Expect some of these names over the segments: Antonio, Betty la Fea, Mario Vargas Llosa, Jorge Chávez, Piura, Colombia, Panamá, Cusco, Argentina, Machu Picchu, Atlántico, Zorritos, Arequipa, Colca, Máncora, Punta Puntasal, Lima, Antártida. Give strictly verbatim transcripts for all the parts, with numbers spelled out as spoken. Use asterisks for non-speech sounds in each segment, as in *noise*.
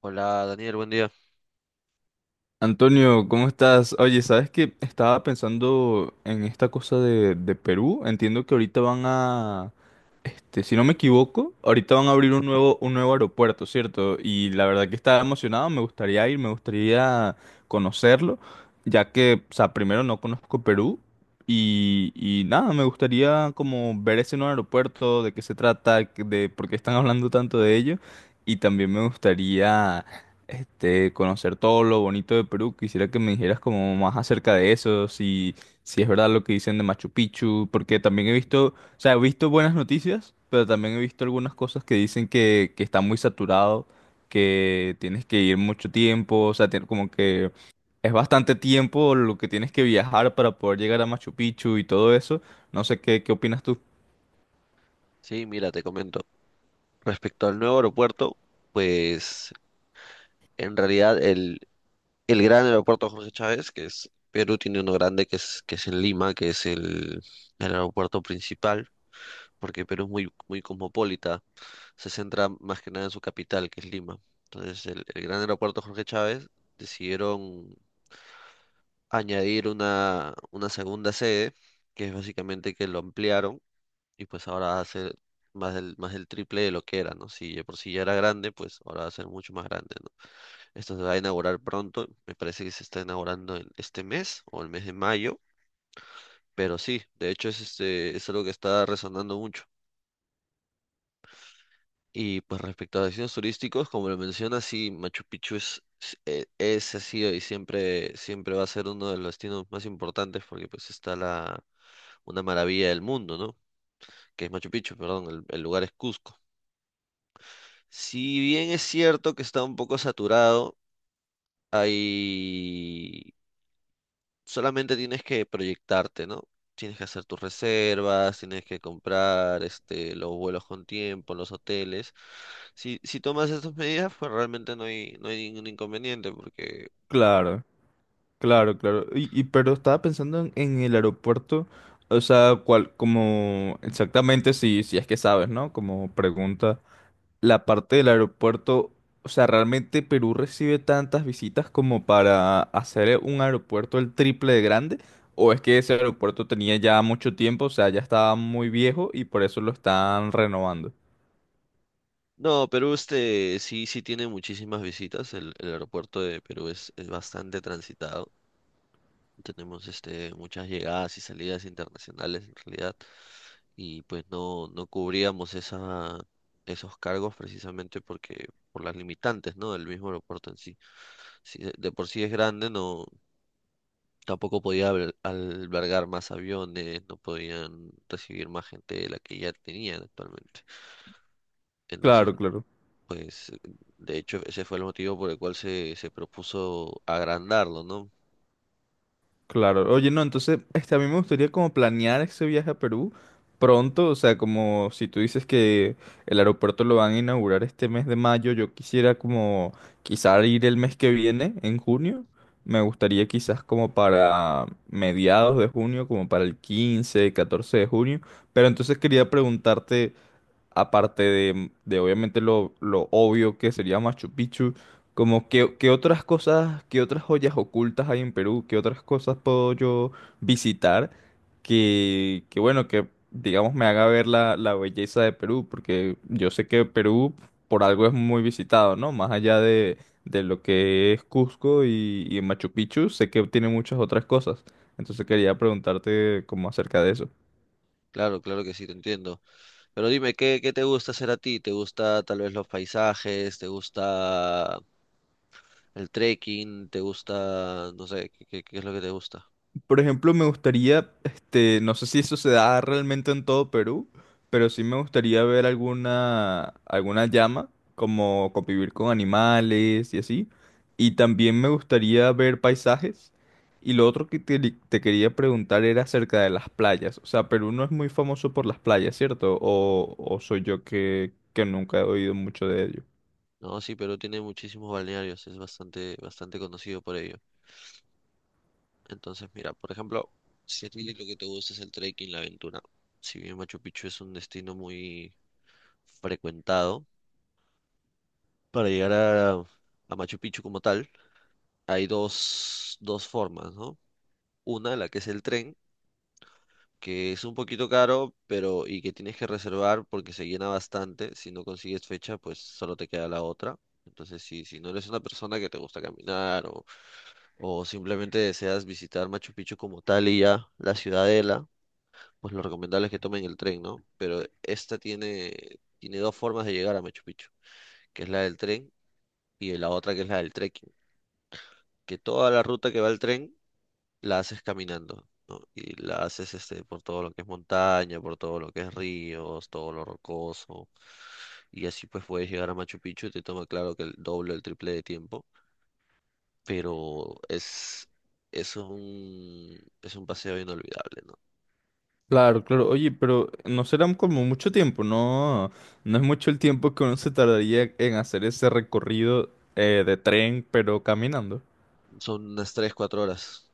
Hola Daniel, buen día. Antonio, ¿cómo estás? Oye, ¿sabes qué? Estaba pensando en esta cosa de, de Perú. Entiendo que ahorita van a, este, si no me equivoco, ahorita van a abrir un nuevo, un nuevo aeropuerto, ¿cierto? Y la verdad que estaba emocionado, me gustaría ir, me gustaría conocerlo, ya que, o sea, primero no conozco Perú y, y nada, me gustaría como ver ese nuevo aeropuerto, de qué se trata, de por qué están *laughs* hablando tanto de ello. Y también me gustaría este, conocer todo lo bonito de Perú. Quisiera que me dijeras como más acerca de eso, si, si es verdad lo que dicen de Machu Picchu, porque también he visto, o sea, he visto buenas noticias, pero también he visto algunas cosas que dicen que, que está muy saturado, que tienes que ir mucho tiempo, o sea, tien- como que es bastante tiempo lo que tienes que viajar para poder llegar a Machu Picchu y todo eso. No sé qué, qué opinas tú. Sí, mira, te comento. Respecto al nuevo aeropuerto, pues en realidad el, el gran aeropuerto Jorge Chávez, que es Perú, tiene uno grande que es, que es en Lima, que es el, el aeropuerto principal, porque Perú es muy, muy cosmopolita, se centra más que nada en su capital, que es Lima. Entonces el, el gran aeropuerto Jorge Chávez decidieron añadir una, una segunda sede, que es básicamente que lo ampliaron y pues ahora va a ser más del, más del triple de lo que era, ¿no? Si de por sí ya era grande, pues ahora va a ser mucho más grande, ¿no? Esto se va a inaugurar pronto, me parece que se está inaugurando en este mes o el mes de mayo, pero sí, de hecho es, este, es algo que está resonando mucho. Y pues respecto a destinos turísticos, como lo mencionas, sí, Machu Picchu es, es, eh, es, ha sido y siempre, siempre va a ser uno de los destinos más importantes porque pues está la, una maravilla del mundo, ¿no? Que es Machu Picchu, perdón, el el lugar es Cusco. Si bien es cierto que está un poco saturado, hay solamente tienes que proyectarte, ¿no? Tienes que hacer tus reservas, tienes que comprar este, los vuelos con tiempo, los hoteles. Si, si tomas estas medidas, pues realmente no hay, no hay ningún inconveniente, porque... Claro. Claro, claro. Y, y- pero estaba pensando en, en el aeropuerto, o sea, cuál, como exactamente si, si es que sabes, ¿no? Como pregunta, la parte del aeropuerto, o sea, realmente Perú recibe tantas visitas como para hacer un aeropuerto el triple de grande, o es que ese aeropuerto tenía ya mucho tiempo, o sea, ya estaba muy viejo y por eso lo están renovando. No, Perú este, sí, sí tiene muchísimas visitas, el, el aeropuerto de Perú es, es bastante transitado. Tenemos este, muchas llegadas y salidas internacionales en realidad y pues no, no cubríamos esa, esos cargos precisamente porque por las limitantes, ¿no? Del mismo aeropuerto en sí. Si de, de por sí es grande, no, tampoco podía alber- albergar más aviones, no podían recibir más gente de la que ya tenían actualmente. Entonces, Claro, claro. pues, de hecho, ese fue el motivo por el cual se, se propuso agrandarlo, ¿no? Claro, oye, no, entonces, este, a mí me gustaría como planear ese viaje a Perú pronto, o sea, como si tú dices que el aeropuerto lo van a inaugurar este mes de mayo, yo quisiera como quizá ir el mes que viene, en junio, me gustaría quizás como para mediados de junio, como para el quince, catorce de junio, pero entonces quería preguntarte, aparte de, de obviamente lo, lo obvio que sería Machu Picchu, como qué, qué otras cosas, qué otras joyas ocultas hay en Perú, qué otras cosas puedo yo visitar que, que bueno, que digamos me haga ver la, la belleza de Perú, porque yo sé que Perú por algo es muy visitado, ¿no? Más allá de, de lo que es Cusco y, y Machu Picchu, sé que tiene muchas otras cosas. Entonces quería preguntarte como acerca de eso. Claro, claro que sí, te entiendo. Pero dime, ¿qué, qué te gusta hacer a ti? ¿Te gusta tal vez los paisajes? ¿Te gusta el trekking? ¿Te gusta, no sé, qué, qué- qué es lo que te gusta? Por ejemplo, me gustaría, este, no sé si eso se da realmente en todo Perú, pero sí me gustaría ver alguna, alguna llama, como convivir con animales y así. Y también me gustaría ver paisajes. Y lo otro que te, te quería preguntar era acerca de las playas. O sea, Perú no es muy famoso por las playas, ¿cierto? O, o soy yo que, que nunca he oído mucho de ello. No, sí, Perú tiene muchísimos balnearios, es bastante, bastante conocido por ello. Entonces, mira, por ejemplo, si a ti lo que te gusta es el trekking, la aventura, si bien Machu Picchu es un destino muy frecuentado, para llegar a, a Machu Picchu como tal, hay dos, dos formas, ¿no? Una, la que es el tren, que es un poquito caro, pero y que tienes que reservar porque se llena bastante. Si no consigues fecha, pues solo te queda la otra. Entonces, si, si no eres una persona que te gusta caminar o, o simplemente deseas visitar Machu Picchu como tal y ya la ciudadela, pues lo recomendable es que tomen el tren, ¿no? Pero esta tiene, tiene dos formas de llegar a Machu Picchu, que es la del tren y la otra que es la del trekking. Que toda la ruta que va el tren la haces caminando, ¿no? Y la haces este, por todo lo que es montaña, por todo lo que es ríos, todo lo rocoso. Y así pues puedes llegar a Machu Picchu y te toma claro que el doble o el triple de tiempo, pero es, es un, es un paseo inolvidable, ¿no? Claro, claro. Oye, pero no será como mucho tiempo, ¿no? No es mucho el tiempo que uno se tardaría en hacer ese recorrido eh, de tren, pero caminando. Son unas tres cuatro horas,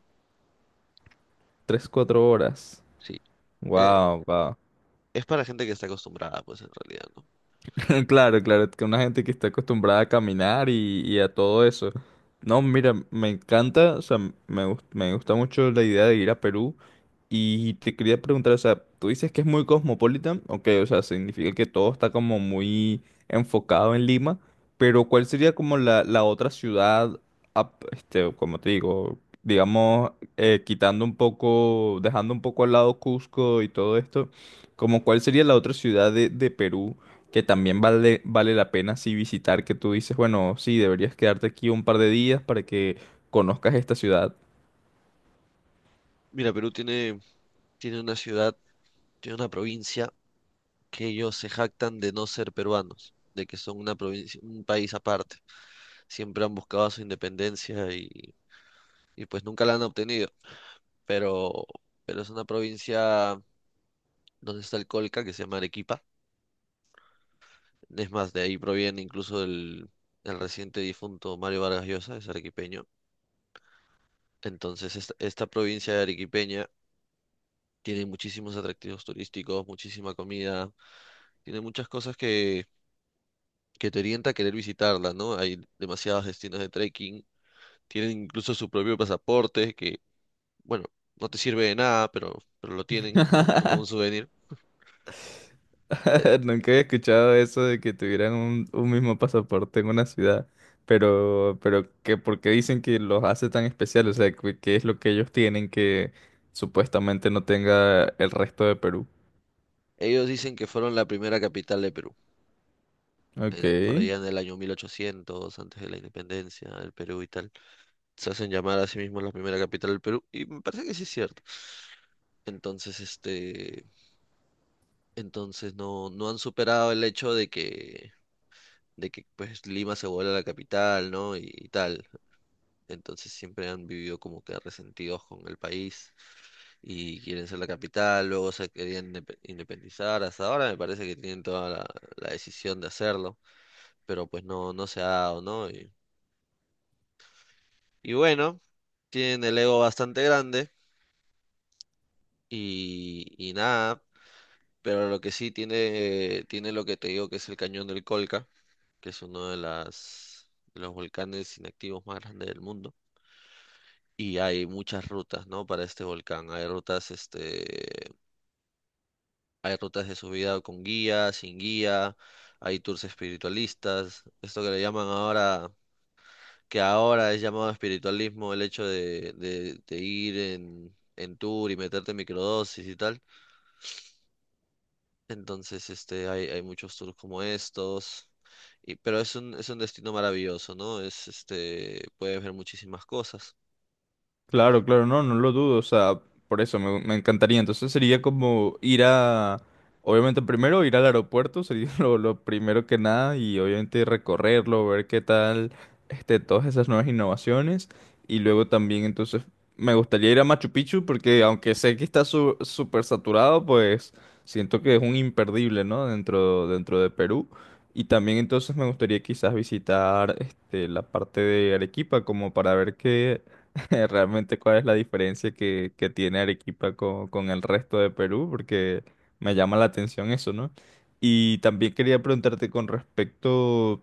Tres, cuatro horas. sí. Eh, Wow, wow. es para gente que está acostumbrada, pues en realidad, ¿no? *laughs* Claro, claro, que una gente que está acostumbrada a caminar y, y a todo eso. No, mira, me encanta, o sea, me, gust- me gusta mucho la idea de ir a Perú. Y te quería preguntar, o sea, tú dices que es muy cosmopolita, ok, o sea, significa que todo está como muy enfocado en Lima, pero ¿cuál sería como la, la otra ciudad, ap- este, como te digo, digamos, eh, quitando un poco, dejando un poco al lado Cusco y todo esto, como cuál sería la otra ciudad de, de Perú que también vale, vale la pena sí visitar, que tú dices, bueno, sí, deberías quedarte aquí un par de días para que conozcas esta ciudad? Mira, Perú tiene, tiene una ciudad, tiene una provincia que ellos se jactan de no ser peruanos, de que son una provincia, un país aparte. Siempre han buscado su independencia y, y pues nunca la han obtenido. Pero, pero es una provincia donde está el Colca, que se llama Arequipa. Es más, de ahí proviene incluso el, el reciente difunto Mario Vargas Llosa, es arequipeño. Entonces, esta, esta provincia arequipeña tiene muchísimos atractivos turísticos, muchísima comida, tiene muchas cosas que, que te orienta a querer visitarla, ¿no? Hay demasiados destinos de trekking. Tienen incluso su propio pasaporte, bueno, no te sirve de nada, pero, pero lo tienen como, como *laughs* un souvenir. E, *laughs* Nunca había escuchado eso de que tuvieran un, un mismo pasaporte en una ciudad, pero, pero que por qué dicen que los hace tan especiales, o sea, ¿qué qué es lo que ellos tienen que supuestamente no tenga el resto de Perú? Ellos dicen que fueron la primera capital de Perú, Ok. eh, por allá en el año mil ochocientos antes de la independencia del Perú y tal. Se hacen llamar a sí mismos la primera capital del Perú y me parece que sí es cierto. Entonces, este, entonces no, no han superado el hecho de que, de que, pues Lima se vuelve la capital, ¿no? Y, y tal. Entonces siempre han vivido como que resentidos con el país y quieren ser la capital, luego se querían indepe- independizar, hasta ahora me parece que tienen toda la, la decisión de hacerlo, pero pues no, no se ha dado, ¿no? Y, y bueno, tienen el ego bastante grande y, y nada, pero lo que sí tiene, tiene lo que te digo que es el cañón del Colca, que es uno de las, de los volcanes inactivos más grandes del mundo. Y hay muchas rutas, ¿no? Para este volcán. Hay rutas, este, Hay rutas de subida con guía, sin guía, hay tours espiritualistas, esto que le llaman ahora, que ahora es llamado espiritualismo, el hecho de, de- de ir en, en tour y meterte microdosis y tal. Entonces, este, hay, hay muchos tours como estos, y, pero es un, es un destino maravilloso, ¿no? Es, este, puedes ver muchísimas cosas. Claro, claro, no, no lo dudo, o sea, por eso me, me encantaría. Entonces sería como ir a, obviamente primero ir al aeropuerto, sería *laughs* lo, lo primero que nada, y obviamente recorrerlo, ver qué tal, este, todas esas nuevas innovaciones, y luego también entonces me gustaría ir a Machu Picchu, porque aunque sé que está su- súper saturado, pues siento que es un imperdible, ¿no? Dentro, dentro de Perú. Y también entonces me gustaría quizás visitar este, la parte de Arequipa como para ver qué, *laughs* Realmente, ¿cuál es la diferencia que, que tiene Arequipa con, con el resto de Perú? Porque me llama la atención eso, ¿no? Y también quería preguntarte con respecto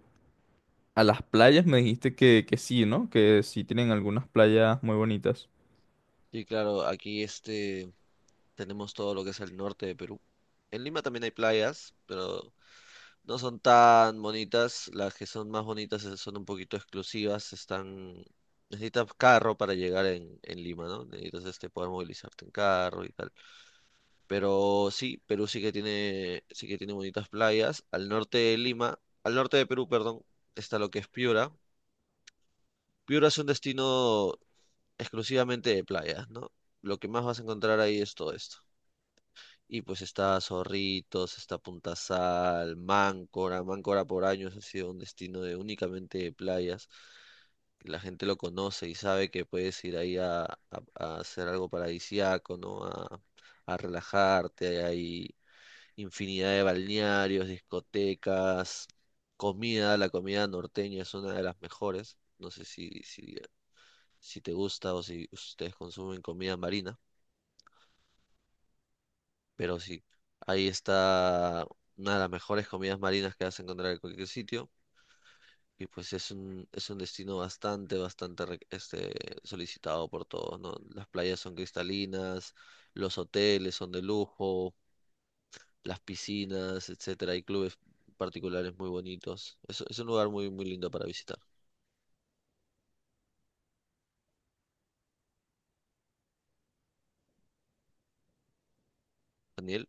a las playas, me dijiste que, que sí, ¿no? Que sí tienen algunas playas muy bonitas. Y claro, aquí este tenemos todo lo que es el norte de Perú. En Lima también hay playas, pero no son tan bonitas. Las que son más bonitas eh, son un poquito exclusivas. Están... Necesitas carro para llegar en, en Lima, ¿no? Necesitas este, poder movilizarte en carro y tal. Pero sí, Perú sí que tiene, sí que tiene bonitas playas. Al norte de Lima, al norte de Perú, perdón, está lo que es Piura. Piura es un destino exclusivamente de playas, ¿no? Lo que más vas a encontrar ahí es todo esto. Y pues está Zorritos, está Punta Puntasal, Máncora. Máncora por años ha sido un destino de únicamente de playas. La gente lo conoce y sabe que puedes ir ahí a, a- a hacer algo paradisíaco, ¿no? A, a relajarte. Hay infinidad de balnearios, discotecas, comida. La comida norteña es una de las mejores. No sé si, si, si te gusta o si ustedes consumen comida marina. Pero sí, ahí está una de las mejores comidas marinas que vas a encontrar en cualquier sitio. Y pues es un, es un destino bastante, bastante re- este, solicitado por todos, ¿no? Las playas son cristalinas, los hoteles son de lujo, las piscinas, etcétera. Hay clubes particulares muy bonitos. Es, es un lugar muy, muy lindo para visitar. Daniel.